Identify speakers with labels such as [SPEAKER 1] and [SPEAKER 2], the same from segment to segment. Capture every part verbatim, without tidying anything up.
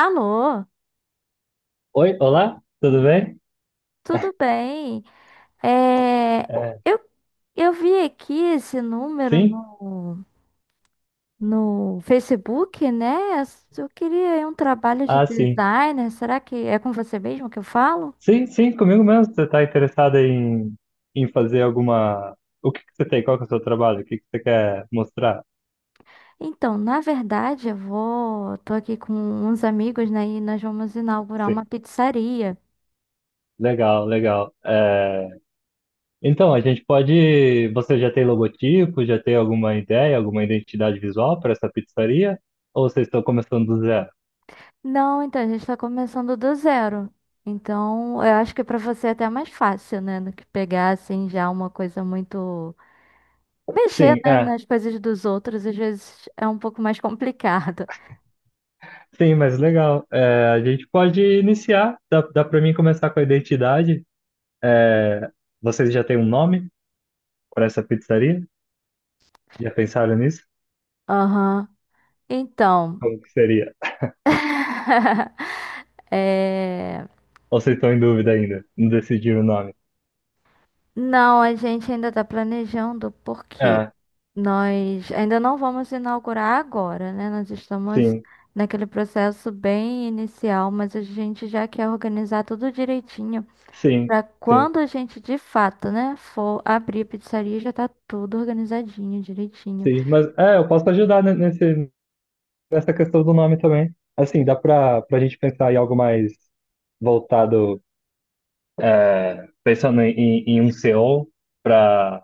[SPEAKER 1] Alô,
[SPEAKER 2] Oi, olá, tudo bem?
[SPEAKER 1] tudo bem? É,
[SPEAKER 2] É,
[SPEAKER 1] eu, eu vi aqui esse número
[SPEAKER 2] sim?
[SPEAKER 1] no, no Facebook, né? Eu queria aí um trabalho de
[SPEAKER 2] Ah, sim.
[SPEAKER 1] designer. Será que é com você mesmo que eu falo?
[SPEAKER 2] Sim, sim, comigo mesmo. Você está interessado em, em fazer alguma. O que que você tem? Qual que é o seu trabalho? O que que você quer mostrar?
[SPEAKER 1] Então, na verdade, eu vou, tô aqui com uns amigos, né? E nós vamos inaugurar
[SPEAKER 2] Sim,
[SPEAKER 1] uma pizzaria.
[SPEAKER 2] legal, legal. É, Então, a gente pode. Você já tem logotipo? Já tem alguma ideia, alguma identidade visual para essa pizzaria? Ou vocês estão começando do zero?
[SPEAKER 1] Não, então a gente está começando do zero. Então, eu acho que para você é até mais fácil, né? Do que pegar assim já uma coisa muito. Mexer,
[SPEAKER 2] Sim,
[SPEAKER 1] né,
[SPEAKER 2] é.
[SPEAKER 1] nas coisas dos outros às vezes é um pouco mais complicado.
[SPEAKER 2] Sim, mas legal. É, a gente pode iniciar. Dá, dá para mim começar com a identidade. É, Vocês já têm um nome para essa pizzaria? Já pensaram nisso?
[SPEAKER 1] Aham. Então,
[SPEAKER 2] Como que seria?
[SPEAKER 1] é...
[SPEAKER 2] Ou vocês estão em dúvida ainda? Não decidiram o nome?
[SPEAKER 1] não, a gente ainda está planejando porque
[SPEAKER 2] Ah,
[SPEAKER 1] nós ainda não vamos inaugurar agora, né? Nós estamos
[SPEAKER 2] sim,
[SPEAKER 1] naquele processo bem inicial, mas a gente já quer organizar tudo direitinho
[SPEAKER 2] sim,
[SPEAKER 1] para
[SPEAKER 2] sim,
[SPEAKER 1] quando a gente de fato, né, for abrir a pizzaria, já tá tudo organizadinho, direitinho.
[SPEAKER 2] sim. Mas é, eu posso ajudar ne- nesse, nessa questão do nome também. Assim, dá pra, pra gente pensar em algo mais voltado, pensando em, em em um S E O para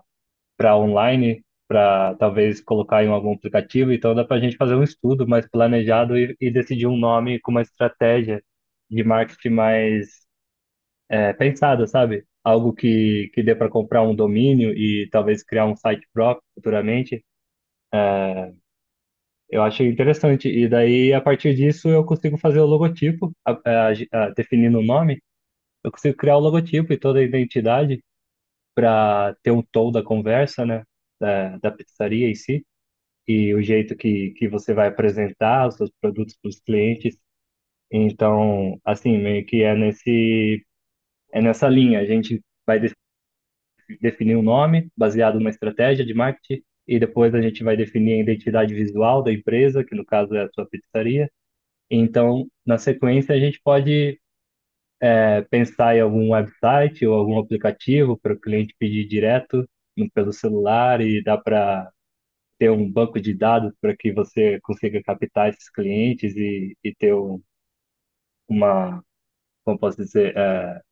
[SPEAKER 2] para online, para talvez colocar em algum aplicativo. Então dá pra gente fazer um estudo mais planejado e, e decidir um nome com uma estratégia de marketing mais é pensada, sabe? Algo que, que dê para comprar um domínio e talvez criar um site próprio futuramente. Eu achei interessante. E daí, a partir disso, eu consigo fazer o logotipo, a, a, a, definindo o nome, eu consigo criar o logotipo e toda a identidade para ter um tom da conversa, né? Da, da pizzaria em si, e o jeito que, que você vai apresentar os seus produtos para os clientes. Então, assim, meio que é nesse, é nessa linha. A gente vai definir um nome baseado numa estratégia de marketing e depois a gente vai definir a identidade visual da empresa, que no caso é a sua pizzaria. Então, na sequência, a gente pode é, pensar em algum website ou algum aplicativo para o cliente pedir direto pelo celular e dá para ter um banco de dados para que você consiga captar esses clientes e, e ter um- uma, como posso dizer, é,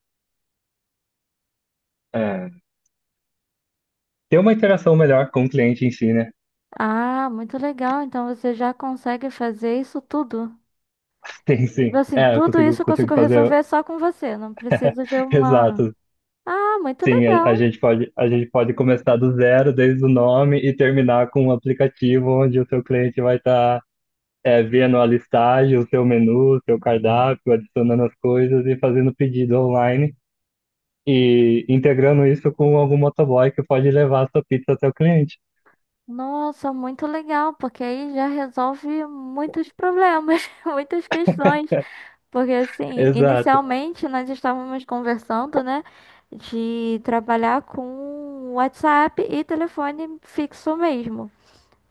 [SPEAKER 2] é, ter uma interação melhor com o cliente em si, né?
[SPEAKER 1] Ah, muito legal. Então você já consegue fazer isso tudo.
[SPEAKER 2] Sim, sim.
[SPEAKER 1] Assim,
[SPEAKER 2] É, eu
[SPEAKER 1] tudo
[SPEAKER 2] consigo,
[SPEAKER 1] isso eu
[SPEAKER 2] consigo
[SPEAKER 1] consigo
[SPEAKER 2] fazer.
[SPEAKER 1] resolver só com você. Não preciso de uma.
[SPEAKER 2] Exato.
[SPEAKER 1] Ah, muito
[SPEAKER 2] Sim, a, a
[SPEAKER 1] legal.
[SPEAKER 2] gente pode, a gente pode começar do zero, desde o nome, e terminar com um aplicativo onde o seu cliente vai estar vendo a listagem, o seu menu, o seu cardápio, adicionando as coisas e fazendo pedido online e integrando isso com algum motoboy que pode levar a sua pizza até o cliente.
[SPEAKER 1] Nossa, muito legal, porque aí já resolve muitos problemas, muitas questões. Porque assim,
[SPEAKER 2] Exato.
[SPEAKER 1] inicialmente nós estávamos conversando, né, de trabalhar com WhatsApp e telefone fixo mesmo,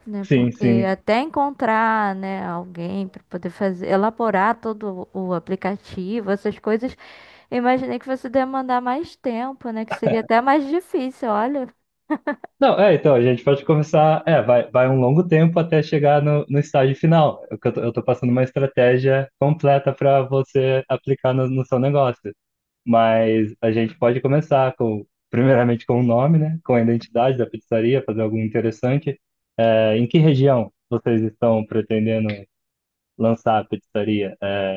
[SPEAKER 1] né?
[SPEAKER 2] Sim,
[SPEAKER 1] Porque
[SPEAKER 2] sim.
[SPEAKER 1] até encontrar, né, alguém para poder fazer, elaborar todo o aplicativo, essas coisas, eu imaginei que fosse demandar mais tempo, né? Que seria até mais difícil, olha.
[SPEAKER 2] Não, é, então, a gente pode começar. É, vai, vai um longo tempo até chegar no, no estágio final. Eu, eu tô eu tô passando uma estratégia completa para você aplicar no, no seu negócio. Mas a gente pode começar com, primeiramente com o nome, né? Com a identidade da pizzaria, fazer algo interessante. É, em que região vocês estão pretendendo lançar a pizzaria? É,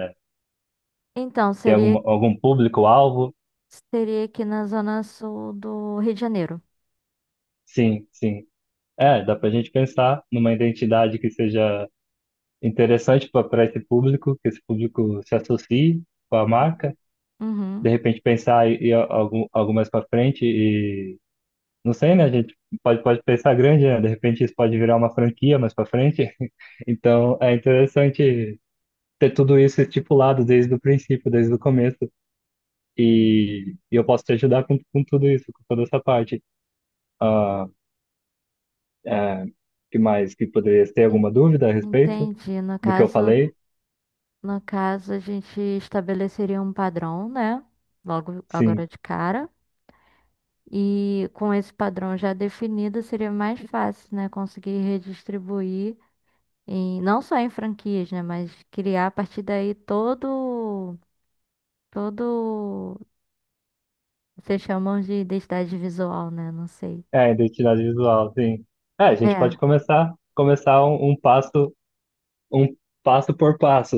[SPEAKER 1] Então,
[SPEAKER 2] tem
[SPEAKER 1] seria,
[SPEAKER 2] alguma, algum público-alvo?
[SPEAKER 1] seria aqui na zona sul do Rio de Janeiro.
[SPEAKER 2] Sim, sim. É, dá pra gente pensar numa identidade que seja interessante para esse público, que esse público se associe com a
[SPEAKER 1] Hum.
[SPEAKER 2] marca. De
[SPEAKER 1] Uhum.
[SPEAKER 2] repente pensar e, e algum, algo mais para frente e não sei, né? A gente pode, pode pensar grande, né? De repente isso pode virar uma franquia mais para frente. Então, é interessante ter tudo isso estipulado desde o princípio, desde o começo. E, e eu posso te ajudar com, com tudo isso, com toda essa parte. Ah, é, que mais? Que poderia ter
[SPEAKER 1] En-
[SPEAKER 2] alguma dúvida a respeito
[SPEAKER 1] Entendi. No
[SPEAKER 2] do que eu
[SPEAKER 1] caso,
[SPEAKER 2] falei?
[SPEAKER 1] no caso, a gente estabeleceria um padrão, né? Logo agora
[SPEAKER 2] Sim.
[SPEAKER 1] de cara. E com esse padrão já definido, seria mais fácil, né? Conseguir redistribuir. E não só em franquias, né? Mas criar a partir daí todo, todo, vocês chamam de identidade visual, né? Não sei.
[SPEAKER 2] É, identidade visual, sim. É, a gente
[SPEAKER 1] É,
[SPEAKER 2] pode começar, começar um, um passo um passo por passo.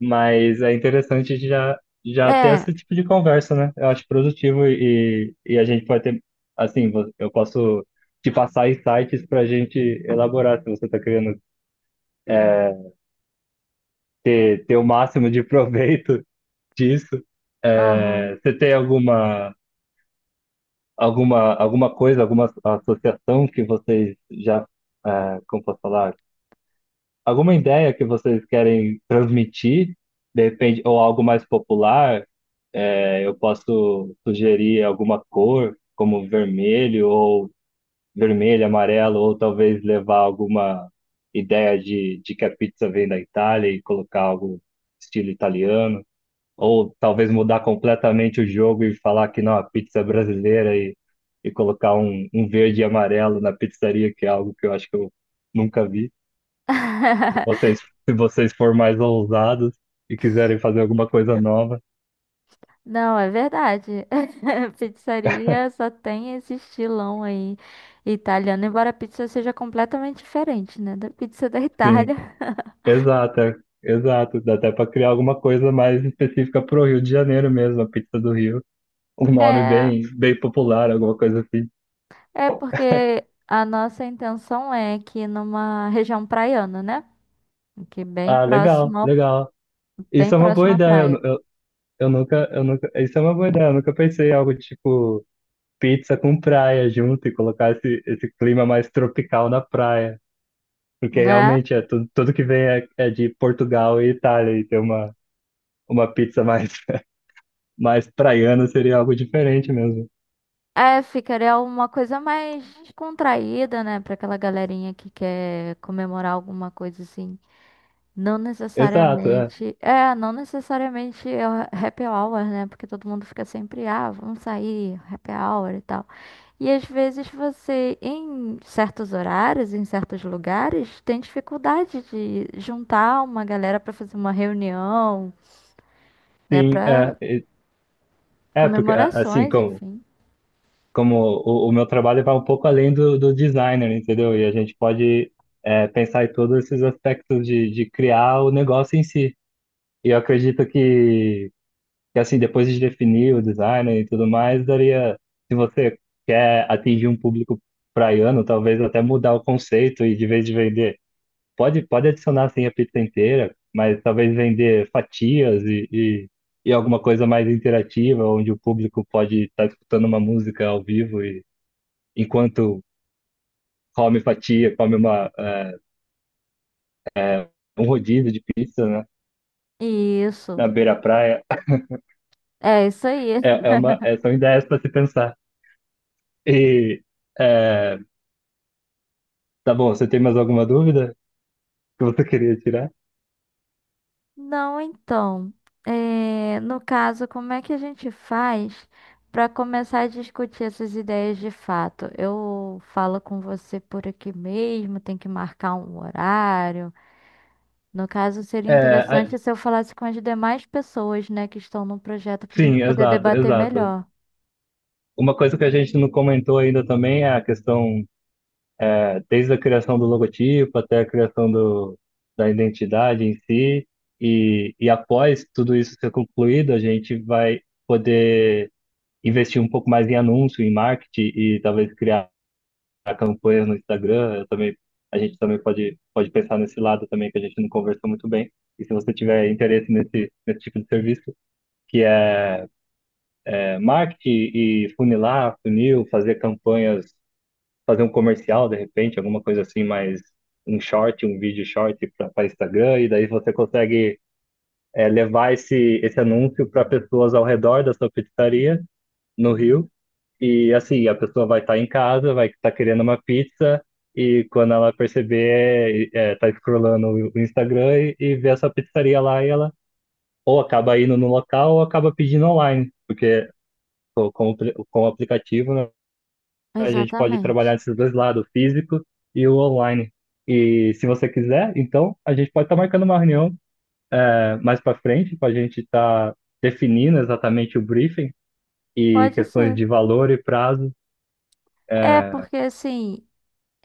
[SPEAKER 2] Mas é interessante já, já ter
[SPEAKER 1] é,
[SPEAKER 2] esse tipo de conversa, né? Eu acho produtivo e, e a gente pode ter, assim, vo- eu posso te passar insights para a gente elaborar se você está querendo ter, ter o máximo de proveito disso.
[SPEAKER 1] aham.
[SPEAKER 2] É, você tem alguma, alguma, alguma coisa, alguma associação que vocês já, é, como posso falar, alguma ideia que vocês querem transmitir, de repente, ou algo mais popular? É, eu posso sugerir alguma cor, como vermelho ou vermelho, amarelo, ou talvez levar alguma ideia de, de que a pizza vem da Itália e colocar algo estilo italiano, ou talvez mudar completamente o jogo e falar que não, a pizza é brasileira e, e colocar um, um verde e amarelo na pizzaria, que é algo que eu acho que eu nunca vi. Se vocês, Se vocês for mais ousados e quiserem fazer alguma coisa nova,
[SPEAKER 1] Não, é verdade. Pizzaria só tem esse estilão aí italiano, embora a pizza seja completamente diferente, né? Da pizza da
[SPEAKER 2] sim.
[SPEAKER 1] Itália.
[SPEAKER 2] Exato, é- Exato. Dá até para criar alguma coisa mais específica pro Rio de Janeiro mesmo, a pizza do Rio. Um nome
[SPEAKER 1] É,
[SPEAKER 2] bem, bem popular, alguma coisa assim.
[SPEAKER 1] é porque a nossa intenção é que numa região praiana, né? Que é bem
[SPEAKER 2] Ah, legal,
[SPEAKER 1] próximo ao
[SPEAKER 2] legal.
[SPEAKER 1] bem
[SPEAKER 2] Isso é uma boa
[SPEAKER 1] próximo à
[SPEAKER 2] ideia. Eu,
[SPEAKER 1] praia,
[SPEAKER 2] eu, eu nunca, eu nunca. Isso é uma boa ideia. Eu nunca pensei em algo tipo pizza com praia junto e colocar esse, esse clima mais tropical na praia. Porque
[SPEAKER 1] né?
[SPEAKER 2] realmente é tudo, tudo que vem é, é de Portugal e Itália e ter uma, uma pizza mais, mais praiana seria algo diferente mesmo.
[SPEAKER 1] É, ficaria uma coisa mais descontraída, né? Pra aquela galerinha que quer comemorar alguma coisa assim. Não
[SPEAKER 2] Exato, é.
[SPEAKER 1] necessariamente. É, não necessariamente é o happy hour, né? Porque todo mundo fica sempre, ah, vamos sair, happy hour e tal. E às vezes você, em certos horários, em certos lugares, tem dificuldade de juntar uma galera pra fazer uma reunião, né?
[SPEAKER 2] Sim,
[SPEAKER 1] Pra
[SPEAKER 2] é. É, porque a- assim,
[SPEAKER 1] comemorações,
[SPEAKER 2] como,
[SPEAKER 1] enfim.
[SPEAKER 2] como o, o meu trabalho vai um pouco além do, do designer, entendeu? E a gente pode é, pensar em todos esses aspectos de, de criar o negócio em si. E eu acredito que, que, assim, depois de definir o designer e tudo mais, daria, se você quer atingir um público praiano, talvez até mudar o conceito e de vez de vender pode, pode adicionar assim a pizza inteira, mas talvez vender fatias e, e, e alguma coisa mais interativa, onde o público pode estar escutando uma música ao vivo e enquanto come fatia, come uma, eh, um rodízio de pizza, né,
[SPEAKER 1] Isso.
[SPEAKER 2] na beira-praia.
[SPEAKER 1] É isso aí.
[SPEAKER 2] É, é uma, é, são ideias para se pensar. E eh, tá bom, você tem mais alguma dúvida que você queria tirar?
[SPEAKER 1] Não, então, é, no caso, como é que a gente faz para começar a discutir essas ideias de fato? Eu falo com você por aqui mesmo, tem que marcar um horário. No caso, seria
[SPEAKER 2] É, a-
[SPEAKER 1] interessante se eu falasse com as demais pessoas, né, que estão no projeto para a gente
[SPEAKER 2] sim,
[SPEAKER 1] poder
[SPEAKER 2] exato,
[SPEAKER 1] debater
[SPEAKER 2] exato.
[SPEAKER 1] melhor.
[SPEAKER 2] Uma coisa que a gente não comentou ainda também é a questão desde a criação do logotipo até a criação do, da identidade em si. E, e após tudo isso ser concluído, a gente vai poder investir um pouco mais em anúncio, em marketing e talvez criar campanhas no Instagram. Eu também, a gente também pode, pode pensar nesse lado também, que a gente não conversou muito bem. E se você tiver interesse nesse, nesse tipo de serviço, que é, é marketing e funilar, funil, fazer campanhas, fazer um comercial de repente, alguma coisa assim, mais um short, um vídeo short para Instagram, e daí você consegue é, levar esse, esse anúncio para pessoas ao redor da sua pizzaria no Rio. E assim, a pessoa vai estar em casa, vai estar querendo uma pizza, e quando ela perceber, é, é, tá scrollando o o Instagram e, e vê essa pizzaria lá, e ela ou acaba indo no local ou acaba pedindo online, porque pô, com, o pre- com o aplicativo, né? A gente pode
[SPEAKER 1] Exatamente.
[SPEAKER 2] trabalhar esses dois lados, o físico e o online. E se você quiser, então a gente pode estar marcando uma reunião é, mais para frente para a gente estar definindo exatamente o briefing e
[SPEAKER 1] Pode
[SPEAKER 2] questões
[SPEAKER 1] ser.
[SPEAKER 2] de valor e prazo.
[SPEAKER 1] É, porque assim,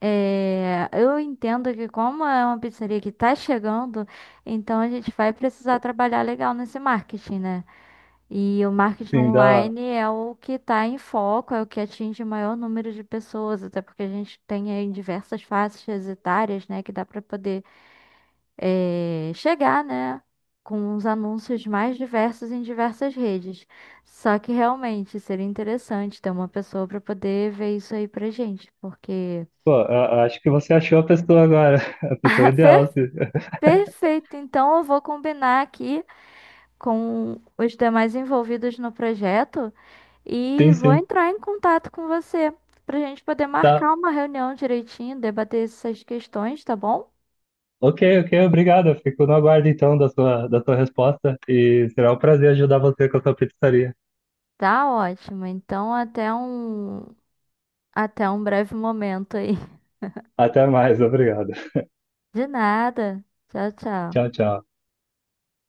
[SPEAKER 1] É, eu entendo que como é uma pizzaria que está chegando, então a gente vai precisar trabalhar legal nesse marketing, né? E o marketing
[SPEAKER 2] Assim, dá...
[SPEAKER 1] online é o que está em foco, é o que atinge o maior número de pessoas, até porque a gente tem aí diversas faixas etárias, né, que dá para poder é, chegar, né, com os anúncios mais diversos em diversas redes. Só que realmente seria interessante ter uma pessoa para poder ver isso aí pra gente, porque
[SPEAKER 2] Pô, a- acho que você achou a pessoa agora, a pessoa ideal.
[SPEAKER 1] Fe-
[SPEAKER 2] se-
[SPEAKER 1] Perfeito, então eu vou combinar aqui com os demais envolvidos no projeto e
[SPEAKER 2] Sim,
[SPEAKER 1] vou
[SPEAKER 2] sim.
[SPEAKER 1] entrar em contato com você para a gente poder
[SPEAKER 2] Tá.
[SPEAKER 1] marcar uma reunião direitinho, debater essas questões, tá bom?
[SPEAKER 2] Ok, ok, obrigado. Eu fico no aguardo então da sua, da sua resposta e será um prazer ajudar você com a sua pizzaria.
[SPEAKER 1] Tá ótimo. Então até um até um breve momento aí.
[SPEAKER 2] Até mais, obrigado.
[SPEAKER 1] De nada. Tchau, tchau.
[SPEAKER 2] Tchau, tchau.